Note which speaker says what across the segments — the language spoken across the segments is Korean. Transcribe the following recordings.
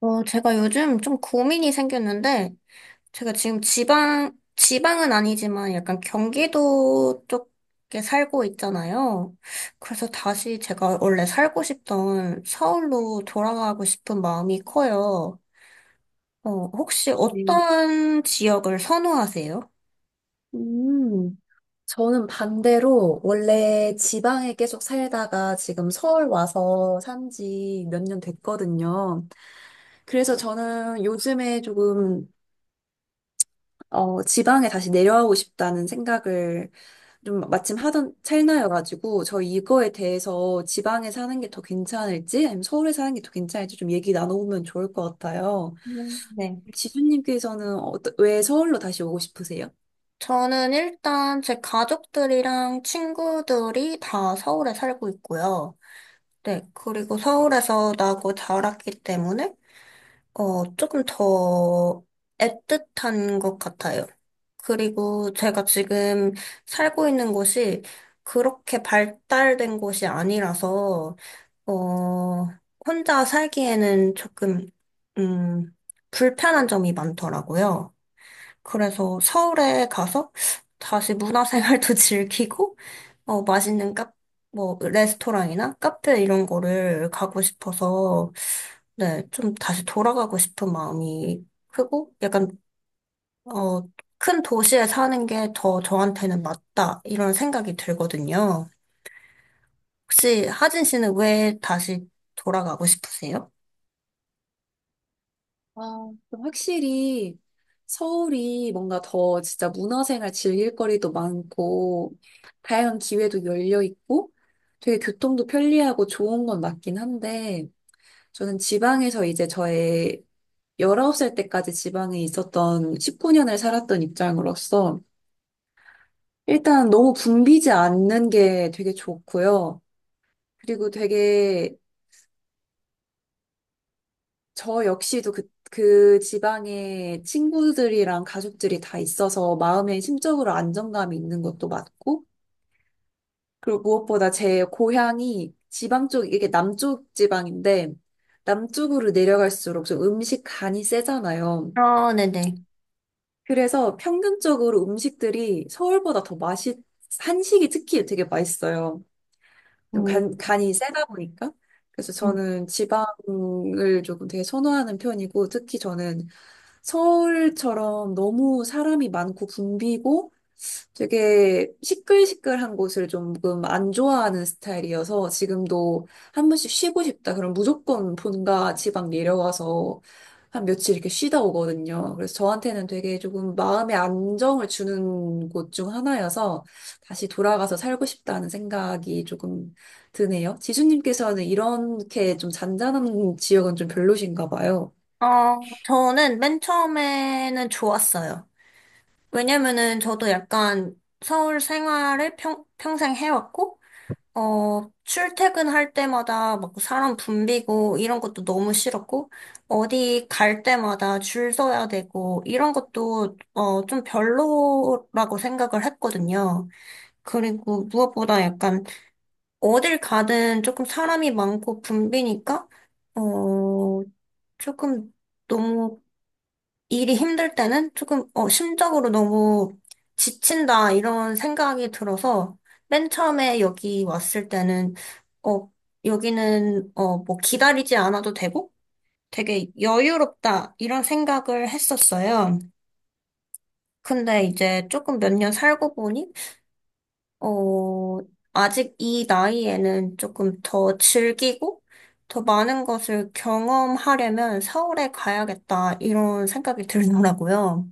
Speaker 1: 제가 요즘 좀 고민이 생겼는데, 제가 지금 지방은 아니지만 약간 경기도 쪽에 살고 있잖아요. 그래서 다시 제가 원래 살고 싶던 서울로 돌아가고 싶은 마음이 커요. 혹시
Speaker 2: 네.
Speaker 1: 어떤 지역을 선호하세요?
Speaker 2: 음, 저는 반대로 원래 지방에 계속 살다가 지금 서울 와서 산지 몇 년 됐거든요. 그래서 저는 요즘에 조금 지방에 다시 내려가고 싶다는 생각을 좀 마침 하던 찰나여가지고, 저 이거에 대해서 지방에 사는 게 더 괜찮을지 아니면 서울에 사는 게 더 괜찮을지 좀 얘기 나눠보면 좋을 것 같아요.
Speaker 1: 네.
Speaker 2: 지수님께서는 왜 서울로 다시 오고 싶으세요?
Speaker 1: 저는 일단 제 가족들이랑 친구들이 다 서울에 살고 있고요. 네, 그리고 서울에서 나고 자랐기 때문에 조금 더 애틋한 것 같아요. 그리고 제가 지금 살고 있는 곳이 그렇게 발달된 곳이 아니라서, 어, 혼자 살기에는 조금, 음, 불편한 점이 많더라고요. 그래서 서울에 가서 다시 문화생활도 즐기고, 맛있는 뭐, 레스토랑이나 카페 이런 거를 가고 싶어서, 네, 좀 다시 돌아가고 싶은 마음이 크고, 약간, 어, 큰 도시에 사는 게 더 저한테는 맞다, 이런 생각이 들거든요. 혹시 하진 씨는 왜 다시 돌아가고 싶으세요?
Speaker 2: 아, 그럼 확실히 서울이 뭔가 더 진짜 문화생활 즐길 거리도 많고, 다양한 기회도 열려 있고, 되게 교통도 편리하고 좋은 건 맞긴 한데, 저는 지방에서 이제 저의 19살 때까지 지방에 있었던 19년을 살았던 입장으로서, 일단 너무 붐비지 않는 게 되게 좋고요. 그리고 되게 저 역시도 그 지방에 친구들이랑 가족들이 다 있어서 마음에, 심적으로 안정감이 있는 것도 맞고, 그리고 무엇보다 제 고향이 지방 쪽, 이게 남쪽 지방인데, 남쪽으로 내려갈수록 좀 음식 간이 세잖아요.
Speaker 1: 아, 네네.
Speaker 2: 그래서 평균적으로 음식들이 서울보다 더 한식이 특히 되게 맛있어요. 좀
Speaker 1: 음,
Speaker 2: 간이 세다 보니까. 그래서
Speaker 1: 음.
Speaker 2: 저는 지방을 조금 되게 선호하는 편이고, 특히 저는 서울처럼 너무 사람이 많고 붐비고, 되게 시끌시끌한 곳을 조금 안 좋아하는 스타일이어서, 지금도 한 번씩 쉬고 싶다, 그럼 무조건 본가 지방 내려와서 한 며칠 이렇게 쉬다 오거든요. 그래서 저한테는 되게 조금 마음의 안정을 주는 곳 중 하나여서 다시 돌아가서 살고 싶다는 생각이 조금 드네요. 지수님께서는 이렇게 좀 잔잔한 지역은 좀 별로신가 봐요.
Speaker 1: 저는 맨 처음에는 좋았어요. 왜냐면은 저도 약간 서울 생활을 평생 해왔고, 출퇴근할 때마다 막 사람 붐비고 이런 것도 너무 싫었고, 어디 갈 때마다 줄 서야 되고, 이런 것도, 좀 별로라고 생각을 했거든요. 그리고 무엇보다 약간 어딜 가든 조금 사람이 많고 붐비니까, 어, 조금 너무 일이 힘들 때는 조금, 심적으로 너무 지친다, 이런 생각이 들어서, 맨 처음에 여기 왔을 때는, 어, 여기는, 뭐 기다리지 않아도 되고, 되게 여유롭다, 이런 생각을 했었어요. 근데 이제 조금 몇 년 살고 보니, 어, 아직 이 나이에는 조금 더 즐기고, 더 많은 것을 경험하려면 서울에 가야겠다, 이런 생각이 들더라고요.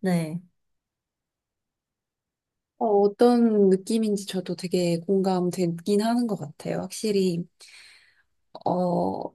Speaker 1: 네.
Speaker 2: 어떤 느낌인지 저도 되게 공감되긴 하는 것 같아요. 확실히, 어,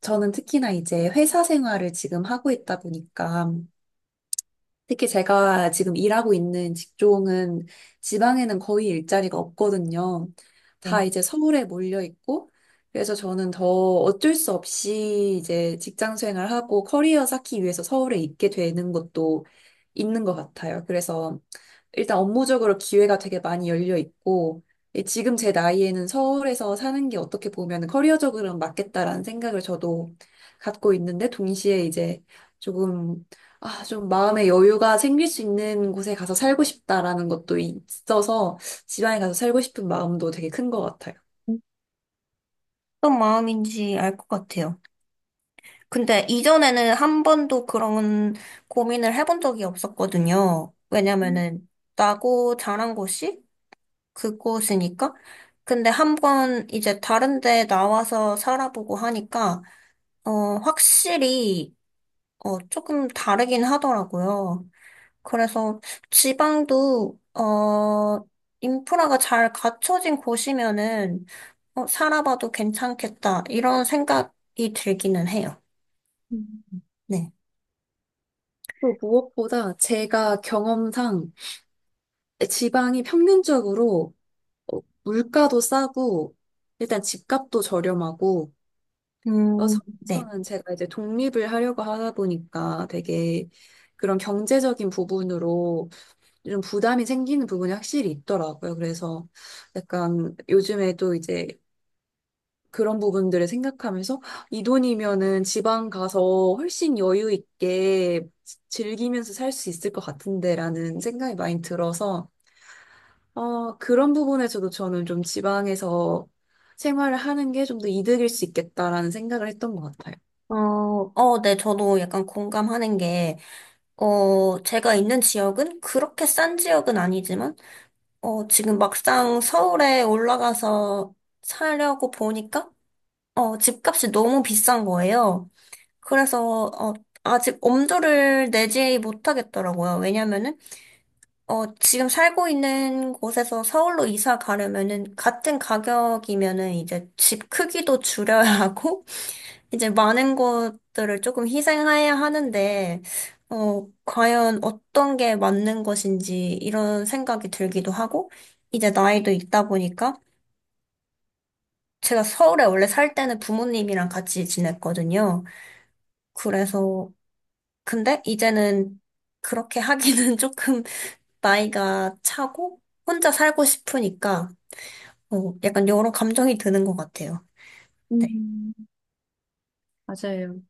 Speaker 2: 저는 특히나 이제 회사 생활을 지금 하고 있다 보니까, 특히 제가 지금 일하고 있는 직종은 지방에는 거의 일자리가 없거든요. 다 이제 서울에 몰려 있고, 그래서 저는 더 어쩔 수 없이 이제 직장 생활하고 커리어 쌓기 위해서 서울에 있게 되는 것도 있는 것 같아요. 그래서 일단 업무적으로 기회가 되게 많이 열려 있고, 예, 지금 제 나이에는 서울에서 사는 게 어떻게 보면 커리어적으로는 맞겠다라는 생각을 저도 갖고 있는데, 동시에 이제 조금, 좀 마음의 여유가 생길 수 있는 곳에 가서 살고 싶다라는 것도 있어서 지방에 가서 살고 싶은 마음도 되게 큰 것 같아요.
Speaker 1: 어떤 마음인지 알 것 같아요. 근데 이전에는 한 번도 그런 고민을 해본 적이 없었거든요. 왜냐면은 나고 자란 곳이 그곳이니까. 근데 한 번 이제 다른 데 나와서 살아보고 하니까 확실히 조금 다르긴 하더라고요. 그래서 지방도 인프라가 잘 갖춰진 곳이면은 살아봐도 괜찮겠다 이런 생각이 들기는 해요.
Speaker 2: 음.
Speaker 1: 네.
Speaker 2: 또 무엇보다 제가 경험상 지방이 평균적으로 물가도 싸고 일단 집값도 저렴하고,
Speaker 1: 네.
Speaker 2: 서울에서는 제가 이제 독립을 하려고 하다 보니까 되게 그런 경제적인 부분으로 좀 부담이 생기는 부분이 확실히 있더라고요. 그래서 약간 요즘에도 이제 그런 부분들을 생각하면서, 이 돈이면은 지방 가서 훨씬 여유 있게 즐기면서 살 수 있을 것 같은데라는 생각이 많이 들어서, 그런 부분에서도 저는 좀 지방에서 생활을 하는 게 좀 더 이득일 수 있겠다라는 생각을 했던 것 같아요.
Speaker 1: 네, 저도 약간 공감하는 게, 제가 있는 지역은 그렇게 싼 지역은 아니지만, 지금 막상 서울에 올라가서 살려고 보니까, 집값이 너무 비싼 거예요. 그래서 아직 엄두를 내지 못하겠더라고요. 왜냐면은 지금 살고 있는 곳에서 서울로 이사 가려면은 같은 가격이면은 이제 집 크기도 줄여야 하고 이제 많은 것들을 조금 희생해야 하는데 과연 어떤 게 맞는 것인지 이런 생각이 들기도 하고 이제 나이도 있다 보니까 제가 서울에 원래 살 때는 부모님이랑 같이 지냈거든요. 그래서 근데 이제는 그렇게 하기는 조금 나이가 차고 혼자 살고 싶으니까 약간 여러 감정이 드는 것 같아요. 네.
Speaker 2: 음, 맞아요.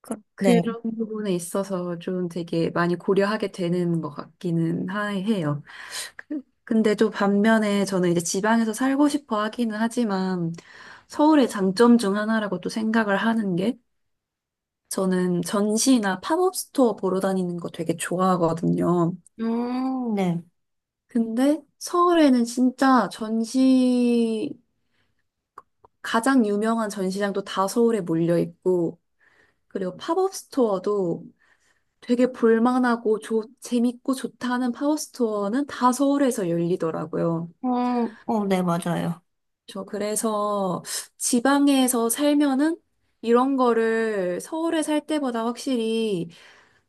Speaker 1: 네.
Speaker 2: 그런 부분에 있어서 좀 되게 많이 고려하게 되는 것 같기는 해요. 근데 또 반면에 저는 이제 지방에서 살고 싶어 하기는 하지만, 서울의 장점 중 하나라고 또 생각을 하는 게, 저는 전시나 팝업 스토어 보러 다니는 거 되게 좋아하거든요.
Speaker 1: 네.
Speaker 2: 근데 서울에는 진짜 전시, 가장 유명한 전시장도 다 서울에 몰려 있고, 그리고 팝업 스토어도 되게 볼만하고 재밌고 좋다는 파워스토어는 다 서울에서 열리더라고요.
Speaker 1: 네, 맞아요.
Speaker 2: 저 그래서 지방에서 살면은 이런 거를 서울에 살 때보다 확실히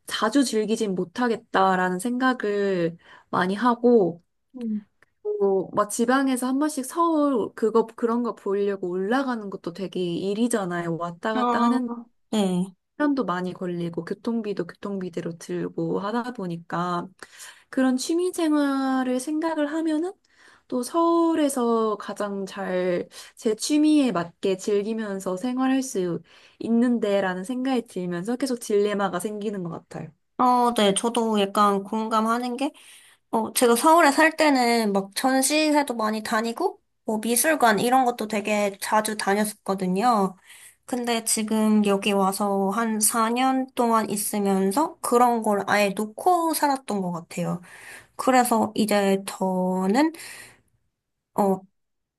Speaker 2: 자주 즐기진 못하겠다라는 생각을 많이 하고,
Speaker 1: 음.
Speaker 2: 또 막 지방에서 한 번씩 서울 그거 그런 거 보려고 올라가는 것도 되게 일이잖아요. 왔다 갔다
Speaker 1: 아,
Speaker 2: 하는
Speaker 1: 네.
Speaker 2: 시간도 많이 걸리고 교통비도 교통비대로 들고 하다 보니까 그런 취미 생활을 생각을 하면은, 또 서울에서 가장 잘 제 취미에 맞게 즐기면서 생활할 수 있는데라는 생각이 들면서 계속 딜레마가 생기는 것 같아요.
Speaker 1: 네. 저도 약간 공감하는 게 제가 서울에 살 때는 막 전시회도 많이 다니고, 뭐 미술관 이런 것도 되게 자주 다녔었거든요. 근데 지금 여기 와서 한 4년 동안 있으면서 그런 걸 아예 놓고 살았던 것 같아요. 그래서 이제 저는, 어,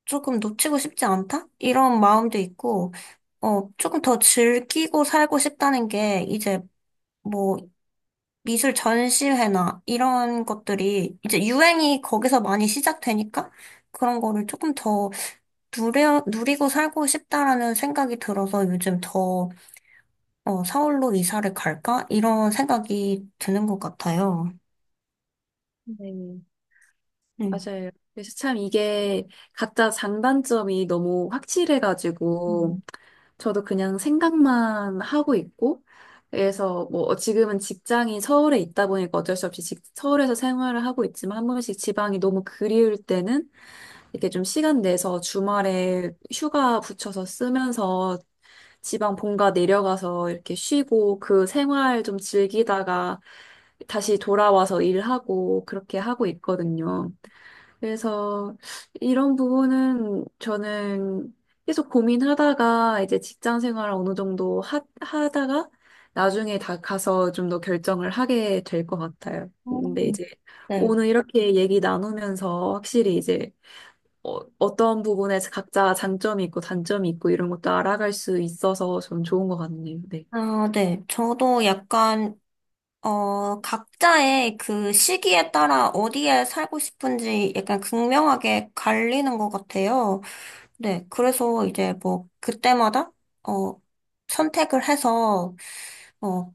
Speaker 1: 조금 놓치고 싶지 않다? 이런 마음도 있고, 조금 더 즐기고 살고 싶다는 게 이제 뭐 미술 전시회나 이런 것들이 이제 유행이 거기서 많이 시작되니까 그런 거를 조금 더 누리고 살고 싶다라는 생각이 들어서 요즘 더 서울로 이사를 갈까? 이런 생각이 드는 것 같아요.
Speaker 2: 네.
Speaker 1: 네.
Speaker 2: 맞아요. 그래서 참 이게 각자 장단점이 너무
Speaker 1: 음.
Speaker 2: 확실해가지고 저도 그냥 생각만 하고 있고, 그래서 뭐 지금은 직장이 서울에 있다 보니까 어쩔 수 없이 서울에서 생활을 하고 있지만, 한 번씩 지방이 너무 그리울 때는 이렇게 좀 시간 내서 주말에 휴가 붙여서 쓰면서 지방 본가 내려가서 이렇게 쉬고 그 생활 좀 즐기다가 다시 돌아와서 일하고 그렇게 하고 있거든요. 그래서 이런 부분은 저는 계속 고민하다가 이제 직장 생활을 어느 정도 하다가 나중에 다 가서 좀 더 결정을 하게 될 것 같아요.
Speaker 1: 어,
Speaker 2: 근데 이제
Speaker 1: 네.
Speaker 2: 오늘 이렇게 얘기 나누면서 확실히 이제 어떤 부분에서 각자 장점이 있고 단점이 있고 이런 것도 알아갈 수 있어서 좀 좋은 것 같네요. 네.
Speaker 1: 아, 네. 저도 약간, 각자의 그 시기에 따라 어디에 살고 싶은지 약간 극명하게 갈리는 것 같아요. 네, 그래서 이제 뭐 그때마다 어 선택을 해서 어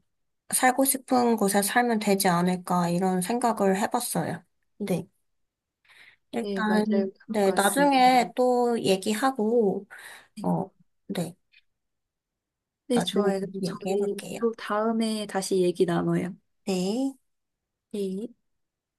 Speaker 1: 살고 싶은 곳에 살면 되지 않을까 이런 생각을 해봤어요. 네,
Speaker 2: 네, 맞아요.
Speaker 1: 일단
Speaker 2: 그런
Speaker 1: 네
Speaker 2: 것 같습니다.
Speaker 1: 나중에 또 얘기하고 어 네
Speaker 2: 네,
Speaker 1: 나중에
Speaker 2: 좋아요.
Speaker 1: 다시
Speaker 2: 그럼 저희
Speaker 1: 얘기해볼게요.
Speaker 2: 또 다음에 다시 얘기 나눠요.
Speaker 1: 네.
Speaker 2: 네.